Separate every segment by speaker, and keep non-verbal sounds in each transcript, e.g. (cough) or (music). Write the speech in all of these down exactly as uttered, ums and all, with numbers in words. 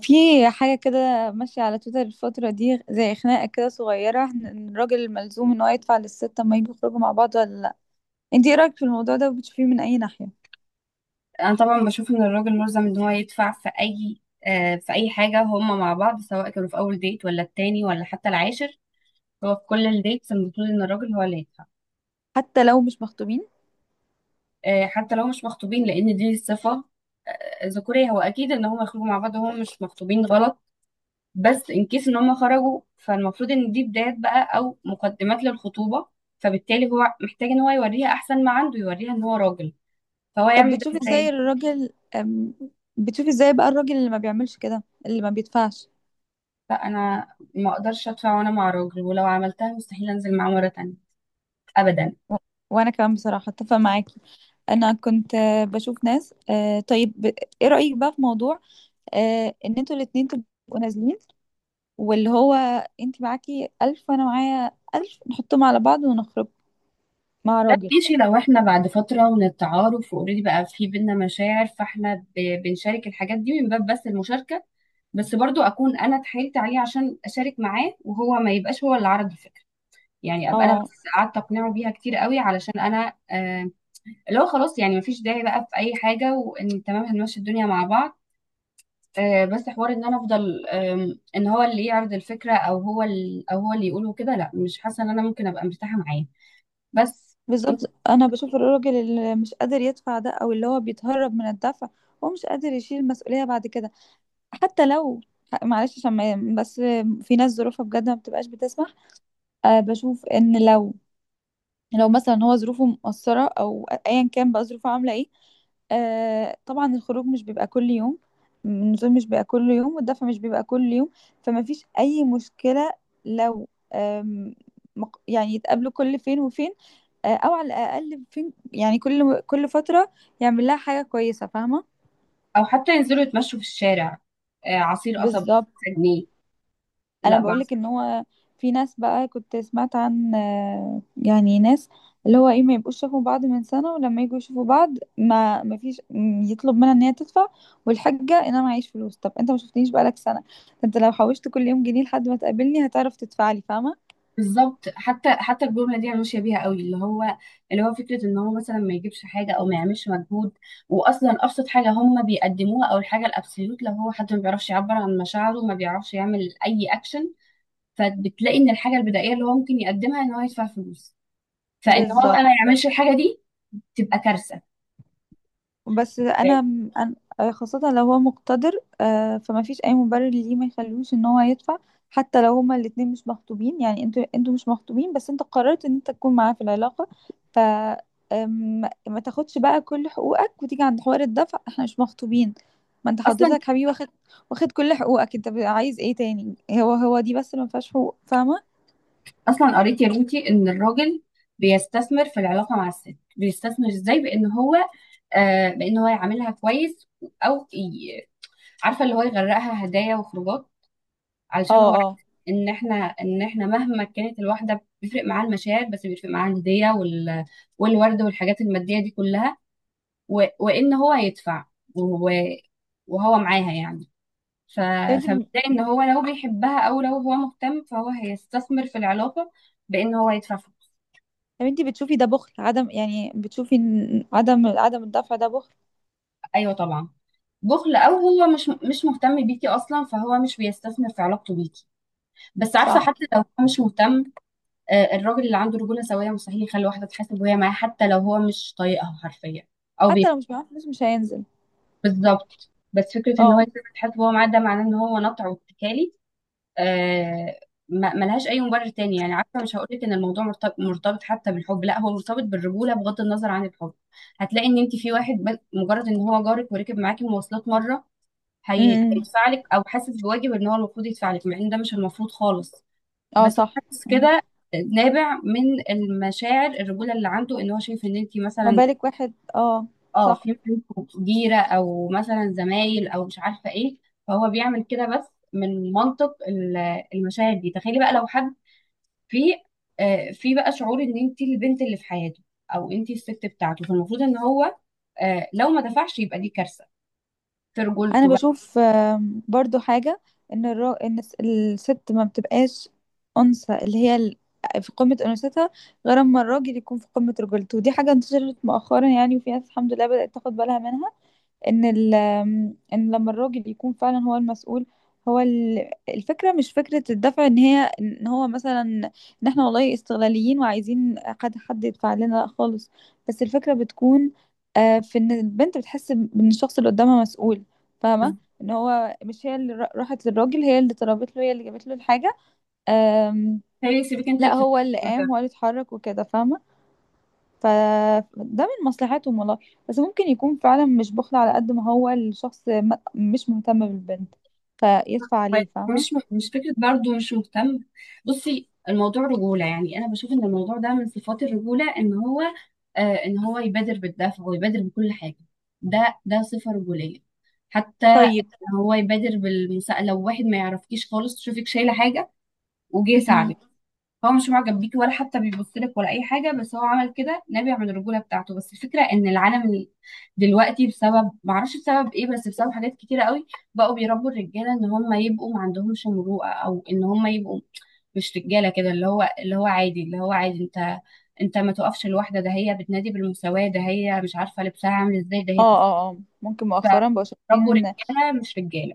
Speaker 1: في حاجة كده ماشية على تويتر الفترة دي، زي خناقة كده صغيرة، إن إن الراجل ملزوم ان هو يدفع للست اما يجوا يخرجوا مع بعض ولا لا. انتي ايه رأيك في الموضوع ده، وبتشوفيه من اي ناحية؟
Speaker 2: انا طبعا بشوف ان الراجل ملزم ان هو يدفع في اي آه، في اي حاجه، هما مع بعض سواء كانوا في اول ديت ولا التاني ولا حتى العاشر. هو في كل الديتس المفروض ان الراجل هو اللي يدفع.
Speaker 1: حتى لو مش مخطوبين؟
Speaker 2: آه، حتى لو مش مخطوبين، لان دي صفه آه، ذكوريه. هو اكيد ان هما يخرجوا مع بعض وهم مش مخطوبين غلط، بس ان كيس ان هما خرجوا فالمفروض ان دي بدايات بقى او مقدمات للخطوبه. فبالتالي هو محتاج ان هو يوريها احسن ما عنده، يوريها ان هو راجل. فهو
Speaker 1: طب
Speaker 2: يعمل ده
Speaker 1: بتشوفي ازاي
Speaker 2: ازاي؟
Speaker 1: الراجل أم، بتشوفي ازاي بقى الراجل اللي ما بيعملش كده، اللي ما بيدفعش؟
Speaker 2: لا، انا ما اقدرش ادفع وانا مع راجل، ولو عملتها مستحيل انزل معاه مره تانية ابدا.
Speaker 1: و- وانا كمان بصراحة اتفق معاكي. انا كنت، آه، بشوف ناس، آه، طيب. ب- ايه رأيك بقى في موضوع، آه، ان انتوا الاتنين تبقوا نازلين، واللي هو انت معاكي ألف وأنا معايا ألف نحطهم على بعض ونخرج مع
Speaker 2: لا
Speaker 1: راجل.
Speaker 2: ماشي، لو احنا بعد فتره من التعارف واوريدي بقى في بينا مشاعر فاحنا ب- بنشارك الحاجات دي من باب بس المشاركه. بس برضو اكون انا اتحايلت عليه عشان اشارك معاه، وهو ما يبقاش هو اللي عرض الفكره. يعني ابقى انا بس
Speaker 1: اه،
Speaker 2: قعدت اقنعه بيها كتير قوي علشان انا آه اللي هو خلاص، يعني مفيش داعي بقى في اي حاجه، وان تمام هنمشي الدنيا مع بعض. آه، بس حوار ان انا افضل آم، ان هو اللي يعرض الفكره او هو ال- او هو اللي يقوله كده. لا، مش حاسه ان انا ممكن ابقى مرتاحه معاه. بس.
Speaker 1: بالظبط. أنا بشوف الراجل اللي مش قادر يدفع ده، أو اللي هو بيتهرب من الدفع. هو مش قادر يشيل المسؤولية بعد كده. حتى لو، معلش عشان ما- بس، في ناس ظروفها بجد ما بتبقاش بتسمح. أه، بشوف إن لو لو مثلا هو ظروفه مقصرة، أو أيا كان بقى ظروفه عاملة ايه. آه، طبعا الخروج مش بيبقى كل يوم، النزول مش بيبقى كل يوم، والدفع مش بيبقى كل يوم. فما فيش أي مشكلة لو، آم، مق- يعني يتقابلوا كل فين وفين، آه، أو على الأقل فين، يعني كل كل فترة يعمل لها حاجة كويسة، فاهمة؟
Speaker 2: او حتى ينزلوا يتمشوا في الشارع، آه، عصير قصب
Speaker 1: بالظبط.
Speaker 2: جنيه.
Speaker 1: انا
Speaker 2: لا
Speaker 1: بقولك
Speaker 2: بعصر.
Speaker 1: ان هو، في ناس بقى كنت سمعت عن، آه، يعني ناس، اللي هو ايه، ما يبقوش شافوا بعض من سنة، ولما يجوا يشوفوا بعض ما ما فيش، م- يطلب منها ان هي تدفع. والحجة ان انا معيش فلوس، طب انت ما شفتنيش بقالك سنة؟ انت لو حوشت كل يوم جنيه، لحد ما تقابلني هتعرف تدفعلي، فاهمة؟
Speaker 2: بالظبط، حتى حتى الجمله دي انا ماشيه بيها قوي، اللي هو اللي هو فكره ان هو مثلا ما يجيبش حاجه او ما يعملش مجهود. واصلا ابسط حاجه هم بيقدموها او الحاجه الابسوليوت، لو هو حد ما بيعرفش يعبر عن مشاعره ما بيعرفش يعمل اي اكشن، فبتلاقي ان الحاجه البدائيه اللي هو ممكن يقدمها ان هو يدفع فلوس. فان هو
Speaker 1: بالظبط.
Speaker 2: بقى ما يعملش الحاجه دي تبقى كارثه
Speaker 1: بس انا
Speaker 2: يعني.
Speaker 1: أنا- آه، خاصة لو هو مقتدر. آه، فما فيش اي مبرر ليه ما يخلوش ان هو يدفع. حتى لو هما الاتنين مش مخطوبين، يعني انتوا انتوا مش مخطوبين، بس انت قررت ان انت تكون معاه في العلاقة. ف آم، ما تاخدش بقى كل حقوقك وتيجي عند حوار الدفع احنا مش مخطوبين. ما انت
Speaker 2: اصلا
Speaker 1: حضرتك حبيبي، واخد واخد كل حقوقك، انت بقى عايز ايه تاني؟ هو هو دي بس اللي ما فيهاش حقوق، فاهمة؟
Speaker 2: اصلا قريت يا بنتي ان الراجل بيستثمر في العلاقه مع الست. بيستثمر ازاي؟ بان هو آه بان هو يعاملها كويس، او ي- عارفه اللي هو يغرقها هدايا وخروجات، علشان هو
Speaker 1: اه، اه.
Speaker 2: عارف ان احنا ان احنا مهما كانت الواحده بيفرق معاها المشاعر، بس بيفرق معاها الهديه وال والورد والحاجات الماديه دي كلها، و... وان هو يدفع، و... وهو معاها يعني. ف...
Speaker 1: طب انت
Speaker 2: فبتلاقي ان هو لو بيحبها او لو هو مهتم فهو هيستثمر في العلاقه بان هو يدفع فلوس.
Speaker 1: طب انت بتشوفي ده بخل، عدم، يعني بتشوفي ان عدم عدم الدفع ده بخل؟
Speaker 2: ايوه طبعا. بخل، او هو مش مش مهتم بيكي اصلا فهو مش بيستثمر في علاقته بيكي. بس عارفه،
Speaker 1: صح.
Speaker 2: حتى لو هو مش مهتم، آه، الراجل اللي عنده رجوله سويه مستحيل يخلي واحده تحاسب وهي معاه، حتى لو هو مش طايقها حرفيا او
Speaker 1: حتى
Speaker 2: بيك.
Speaker 1: لو مش معاه فلوس مش هينزل.
Speaker 2: بالظبط، بس فكره ان هو
Speaker 1: اه.
Speaker 2: يسيبها تحاسب وهو معاه ده معناه ان هو نطع واتكالي. آه، ما- ملهاش اي مبرر تاني، يعني عارفه مش هقولك ان الموضوع مرتبط مرتبط حتى بالحب، لا هو مرتبط بالرجوله بغض النظر عن الحب. هتلاقي ان انت في واحد، بس- مجرد ان هو جارك وركب معاكي مواصلات مره، هي...
Speaker 1: امم.
Speaker 2: هيدفع لك، او حاسس بواجب ان هو المفروض يدفع لك، مع ان ده مش المفروض خالص.
Speaker 1: اه.
Speaker 2: بس هو
Speaker 1: صح.
Speaker 2: حاسس
Speaker 1: مم.
Speaker 2: كده، نابع من المشاعر الرجوله اللي عنده. ان هو شايف ان انت
Speaker 1: ما
Speaker 2: مثلا
Speaker 1: بالك واحد؟ اه.
Speaker 2: اه
Speaker 1: صح.
Speaker 2: في منكم جيرة او مثلا زمايل او مش عارفة ايه، فهو بيعمل كده بس من منطق ال- المشاعر دي. تخيلي بقى لو حد في آه، في بقى شعور ان انت البنت اللي في حياته او انت الست بتاعته، فالمفروض ان هو، آه، لو ما دفعش يبقى دي كارثة في
Speaker 1: انا
Speaker 2: رجولته بقى.
Speaker 1: بشوف، آم، برضو حاجة، ان الرا... ان الس- الست ما بتبقاش انثى، اللي هي ال- في قمة انوثتها، غير اما الراجل يكون في قمة رجولته. ودي حاجة انتشرت مؤخرا يعني، وفي ناس الحمد لله بدأت تاخد بالها منها. ان ال ان لما الراجل يكون فعلا هو المسؤول. هو ال- الفكره، مش فكره الدفع، ان هي ان هو مثلا، ان احنا والله استغلاليين وعايزين حد حد يدفع لنا، لا خالص. بس الفكره بتكون، آه، في ان البنت بتحس ان الشخص اللي قدامها مسؤول. فاهمه، ان هو مش هي اللي را- راحت للراجل، هي اللي طلبت له، هي اللي جابت له الحاجه. آم،
Speaker 2: تخيلي سيبك انت اللي
Speaker 1: لا،
Speaker 2: في
Speaker 1: هو اللي
Speaker 2: الرجولة.
Speaker 1: قام، هو اللي اتحرك وكده، فاهمه. فده من مصلحتهم والله. بس ممكن يكون فعلا مش بخل، على قد ما هو الشخص م- مش مهتم بالبنت، فيدفع عليه، فاهمة؟
Speaker 2: مش مش فكرة برضو مش مهتم. بصي، الموضوع رجولة يعني. أنا بشوف إن الموضوع ده من صفات الرجولة، إن هو آه إن هو يبادر بالدفع ويبادر بكل حاجة. ده ده صفة رجولية. حتى
Speaker 1: طيب.
Speaker 2: هو يبادر بالمساءلة، لو واحد ما يعرفكيش خالص تشوفك شايلة حاجة وجه يساعدك.
Speaker 1: امم.
Speaker 2: هو مش معجب بيكي ولا حتى بيبص لك ولا اي حاجه، بس هو عمل كده نابع من الرجوله بتاعته. بس الفكره ان العالم ال- دلوقتي بسبب معرفش بسبب ايه، بس بسبب حاجات كتيره قوي بقوا بيربوا الرجاله ان هم يبقوا ما عندهمش مروءه، او ان هم يبقوا مش رجاله. كده اللي هو، اللي هو عادي، اللي هو عادي انت انت ما تقفش لوحده، ده هي بتنادي بالمساواه، ده هي مش عارفه لبسها عامل ازاي، ده هي
Speaker 1: اه،
Speaker 2: تس-
Speaker 1: اه، اه، ممكن مؤخرا بقوا شايفين
Speaker 2: فربوا
Speaker 1: ان،
Speaker 2: رجاله مش رجاله.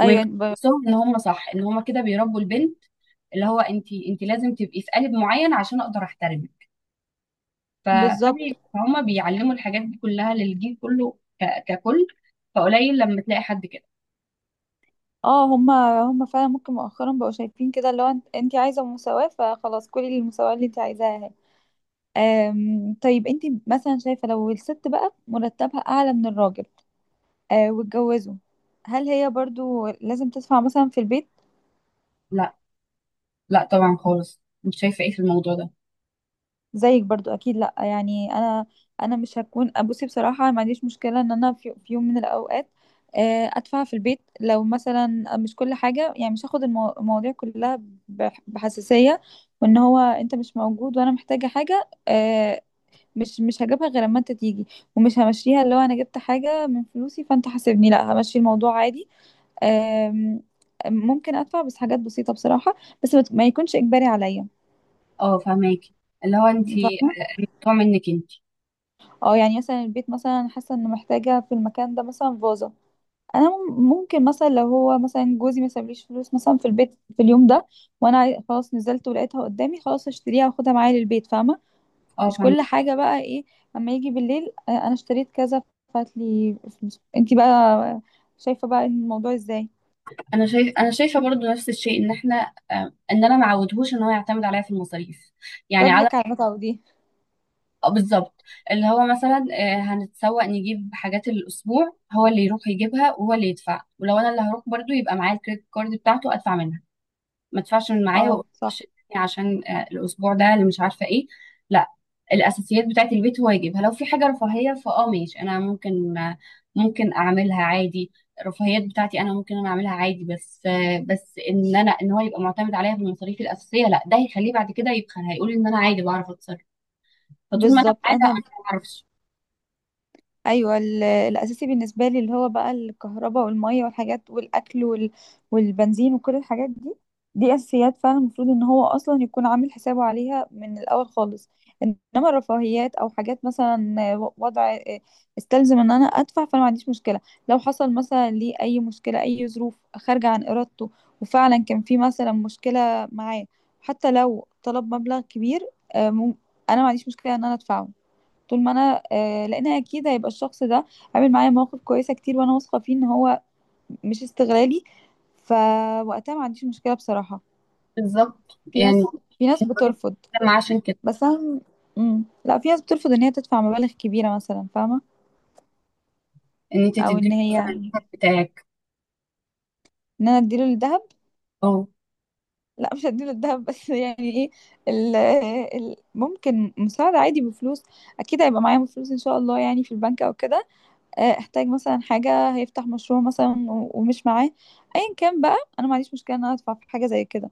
Speaker 1: ايوه. ب...
Speaker 2: وحسهم ان هم صح، ان هم كده بيربوا البنت اللي هو انت انت لازم تبقي في قالب معين عشان اقدر احترمك. ف-
Speaker 1: بالظبط.
Speaker 2: فبي- فهم بيعلموا الحاجات دي كلها للجيل كله ك- ككل. فقليل لما تلاقي حد كده.
Speaker 1: اه. هما هما فعلا ممكن مؤخرا بقوا شايفين كده، اللي هو انت انت عايزة مساواة، فخلاص كلي المساواة اللي انت عايزاها اهي. آم، طيب، انت مثلا شايفة لو الست بقى مرتبها اعلى من الراجل، آه واتجوزوا، هل هي برضو لازم تدفع مثلا في البيت؟
Speaker 2: لا لا طبعا خالص، مش شايفه ايه في الموضوع ده.
Speaker 1: زيك برضو اكيد لا، يعني انا انا مش هكون، بصي بصراحه، ما عنديش مشكله ان انا في, في يوم من الاوقات، آه، ادفع في البيت، لو مثلا مش كل حاجه يعني، مش هاخد المو- المواضيع كلها بح- بحساسيه. وان هو، انت مش موجود وانا محتاجه حاجه، آه، مش مش هجيبها غير اما انت تيجي. ومش همشيها اللي هو انا جبت حاجه من فلوسي فانت حاسبني، لا همشي الموضوع عادي. آم، ممكن ادفع بس حاجات بسيطه بصراحه. بس ما ما يكونش اجباري عليا،
Speaker 2: اه فهماكي، اللي هو انت،
Speaker 1: فاهمة؟
Speaker 2: الموضوع منك انت.
Speaker 1: اه. يعني مثلا البيت، مثلا حاسه انه محتاجه في المكان ده مثلا فازه، انا مم- ممكن مثلا، لو هو مثلا جوزي ما سابليش فلوس مثلا في البيت في اليوم ده، وانا عاي- خلاص نزلت ولقيتها قدامي، خلاص اشتريها واخدها معايا للبيت، فاهمه.
Speaker 2: اه
Speaker 1: مش
Speaker 2: فاهمة.
Speaker 1: كل حاجه بقى ايه. اما يجي بالليل، آه، انا اشتريت كذا، فات لي فلوس، انتي بقى شايفه بقى الموضوع ازاي؟
Speaker 2: انا شايف انا شايفه برضو نفس الشيء، ان احنا آه، ان انا ما عودهوش ان هو يعتمد عليا في المصاريف. يعني على
Speaker 1: رجلك على المتعه دي.
Speaker 2: آه، بالظبط. اللي هو مثلا آه، هنتسوق نجيب حاجات الاسبوع هو اللي يروح يجيبها وهو اللي يدفع، ولو انا اللي هروح برضو يبقى معايا الكريدت كارد بتاعته ادفع منها. ما ادفعش من معايا
Speaker 1: اه،
Speaker 2: وأقول معلش
Speaker 1: صح،
Speaker 2: اديني عشان آه، الاسبوع ده اللي مش عارفه ايه. لا، الاساسيات بتاعه البيت هو يجيبها، لو في حاجه رفاهيه فاه ماشي انا ممكن آه، ممكن اعملها عادي. الرفاهيات بتاعتي انا ممكن انا اعملها عادي، بس آه، بس ان انا ان هو يبقى معتمد عليا في المصاريف الاساسيه لا، ده هيخليه بعد كده يبخل، هيقول ان انا عادي بعرف اتصرف. فطول ما انا
Speaker 1: بالظبط.
Speaker 2: معاه لا،
Speaker 1: انا،
Speaker 2: انا ما اعرفش.
Speaker 1: ايوه ال- الاساسي بالنسبه لي، اللي هو بقى الكهرباء والميه والحاجات والاكل وال... والبنزين وكل الحاجات دي. دي اساسيات فعلا، المفروض ان هو اصلا يكون عامل حسابه عليها من الاول خالص. انما الرفاهيات، او حاجات مثلا وضع استلزم ان انا ادفع، فانا ما عنديش مشكله. لو حصل مثلا لي اي مشكله، اي ظروف خارجه عن ارادته، وفعلا كان في مثلا مشكله معاه، حتى لو طلب مبلغ كبير، آه، مم- انا ما عنديش مشكله ان انا ادفعه. طول ما انا، آه لان اكيد هيبقى الشخص ده عامل معايا مواقف كويسه كتير، وانا واثقه فيه ان هو مش استغلالي. فوقتها ما عنديش مشكله بصراحه.
Speaker 2: بالظبط
Speaker 1: في ناس
Speaker 2: يعني،
Speaker 1: في ناس بترفض.
Speaker 2: ما عشان كده،
Speaker 1: بس انا، مم. لا، في ناس بترفض ان هي تدفع مبالغ كبيره مثلا، فاهمه.
Speaker 2: ان انت
Speaker 1: او ان
Speaker 2: تديله
Speaker 1: هي
Speaker 2: مثلا
Speaker 1: ان
Speaker 2: الحق بتاعك.
Speaker 1: انا اديله الذهب.
Speaker 2: اه،
Speaker 1: لا، مش هديله الذهب (laughs) بس يعني ايه، ال ال ممكن مساعده عادي بفلوس. اكيد هيبقى معايا فلوس ان شاء الله، يعني في البنك او كده. آه، احتاج مثلا حاجة، هيفتح مشروع مثلا و- ومش معاه، ايا كان بقى، انا ما عنديش مشكلة ان انا ادفع في حاجة زي كده.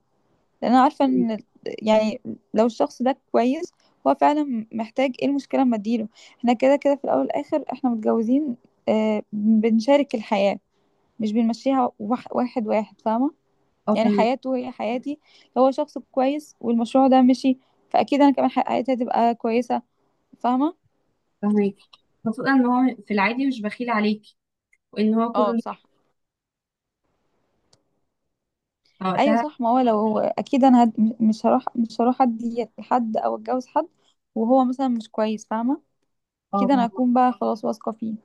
Speaker 1: لان انا عارفة ان ال- يعني، لو الشخص ده كويس، هو فعلا محتاج، ايه المشكلة اما اديله؟ احنا كده كده في الاول والاخر احنا متجوزين، آه، بنشارك الحياة، مش بنمشيها وح- واحد واحد، فاهمة؟
Speaker 2: اه،
Speaker 1: يعني
Speaker 2: فاهمك،
Speaker 1: حياته هي حياتي، لو هو شخص كويس والمشروع ده مشي، فاكيد انا كمان حياتي هتبقى كويسة، فاهمة؟
Speaker 2: فاهمك. خصوصا ان هو في العادي مش بخيل عليكي وان هو كله
Speaker 1: اه،
Speaker 2: ليه
Speaker 1: صح. ايوه
Speaker 2: وقتها.
Speaker 1: صح. ما هو لو، اكيد انا هد... مش هروح مش هروح ادي لحد او اتجوز حد وهو مثلا مش كويس، فاهمه.
Speaker 2: اه
Speaker 1: كده انا
Speaker 2: فاهمة.
Speaker 1: اكون بقى خلاص واثقه فيه.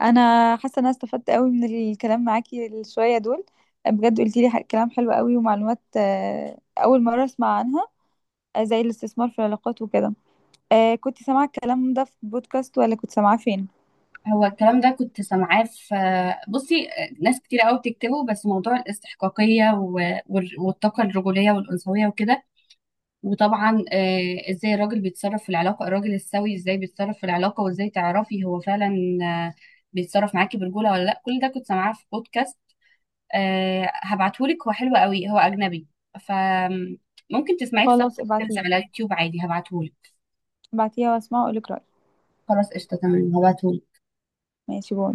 Speaker 1: انا حاسه ان انا استفدت قوي من الكلام معاكي الشويه دول. بجد قلتي لي ح- كلام حلو قوي، ومعلومات آه، اول مره اسمع عنها، آه، زي الاستثمار في العلاقات وكده. آه، كنت سامعه الكلام ده في بودكاست، ولا كنت سامعاه فين؟
Speaker 2: هو الكلام ده كنت سامعاه في. بصي، ناس كتير قوي بتكتبه، بس موضوع الاستحقاقية و- وال- والطاقة الرجولية والأنثوية وكده. وطبعا آه، ازاي الراجل بيتصرف في العلاقة، الراجل السوي ازاي بيتصرف في العلاقة، وازاي تعرفي هو فعلا آه، بيتصرف معاكي برجولة ولا لا. كل ده كنت سامعاه في بودكاست. آه، هبعتهولك، هو حلو قوي، هو أجنبي فممكن تسمعيه بسب
Speaker 1: خلاص،
Speaker 2: تايتلز
Speaker 1: ابعتيه،
Speaker 2: على يوتيوب عادي، هبعتهولك.
Speaker 1: ابعتيها واسمعه واقولك رايي.
Speaker 2: خلاص قشطة تمام، هبعتهولك.
Speaker 1: ماشي، باي.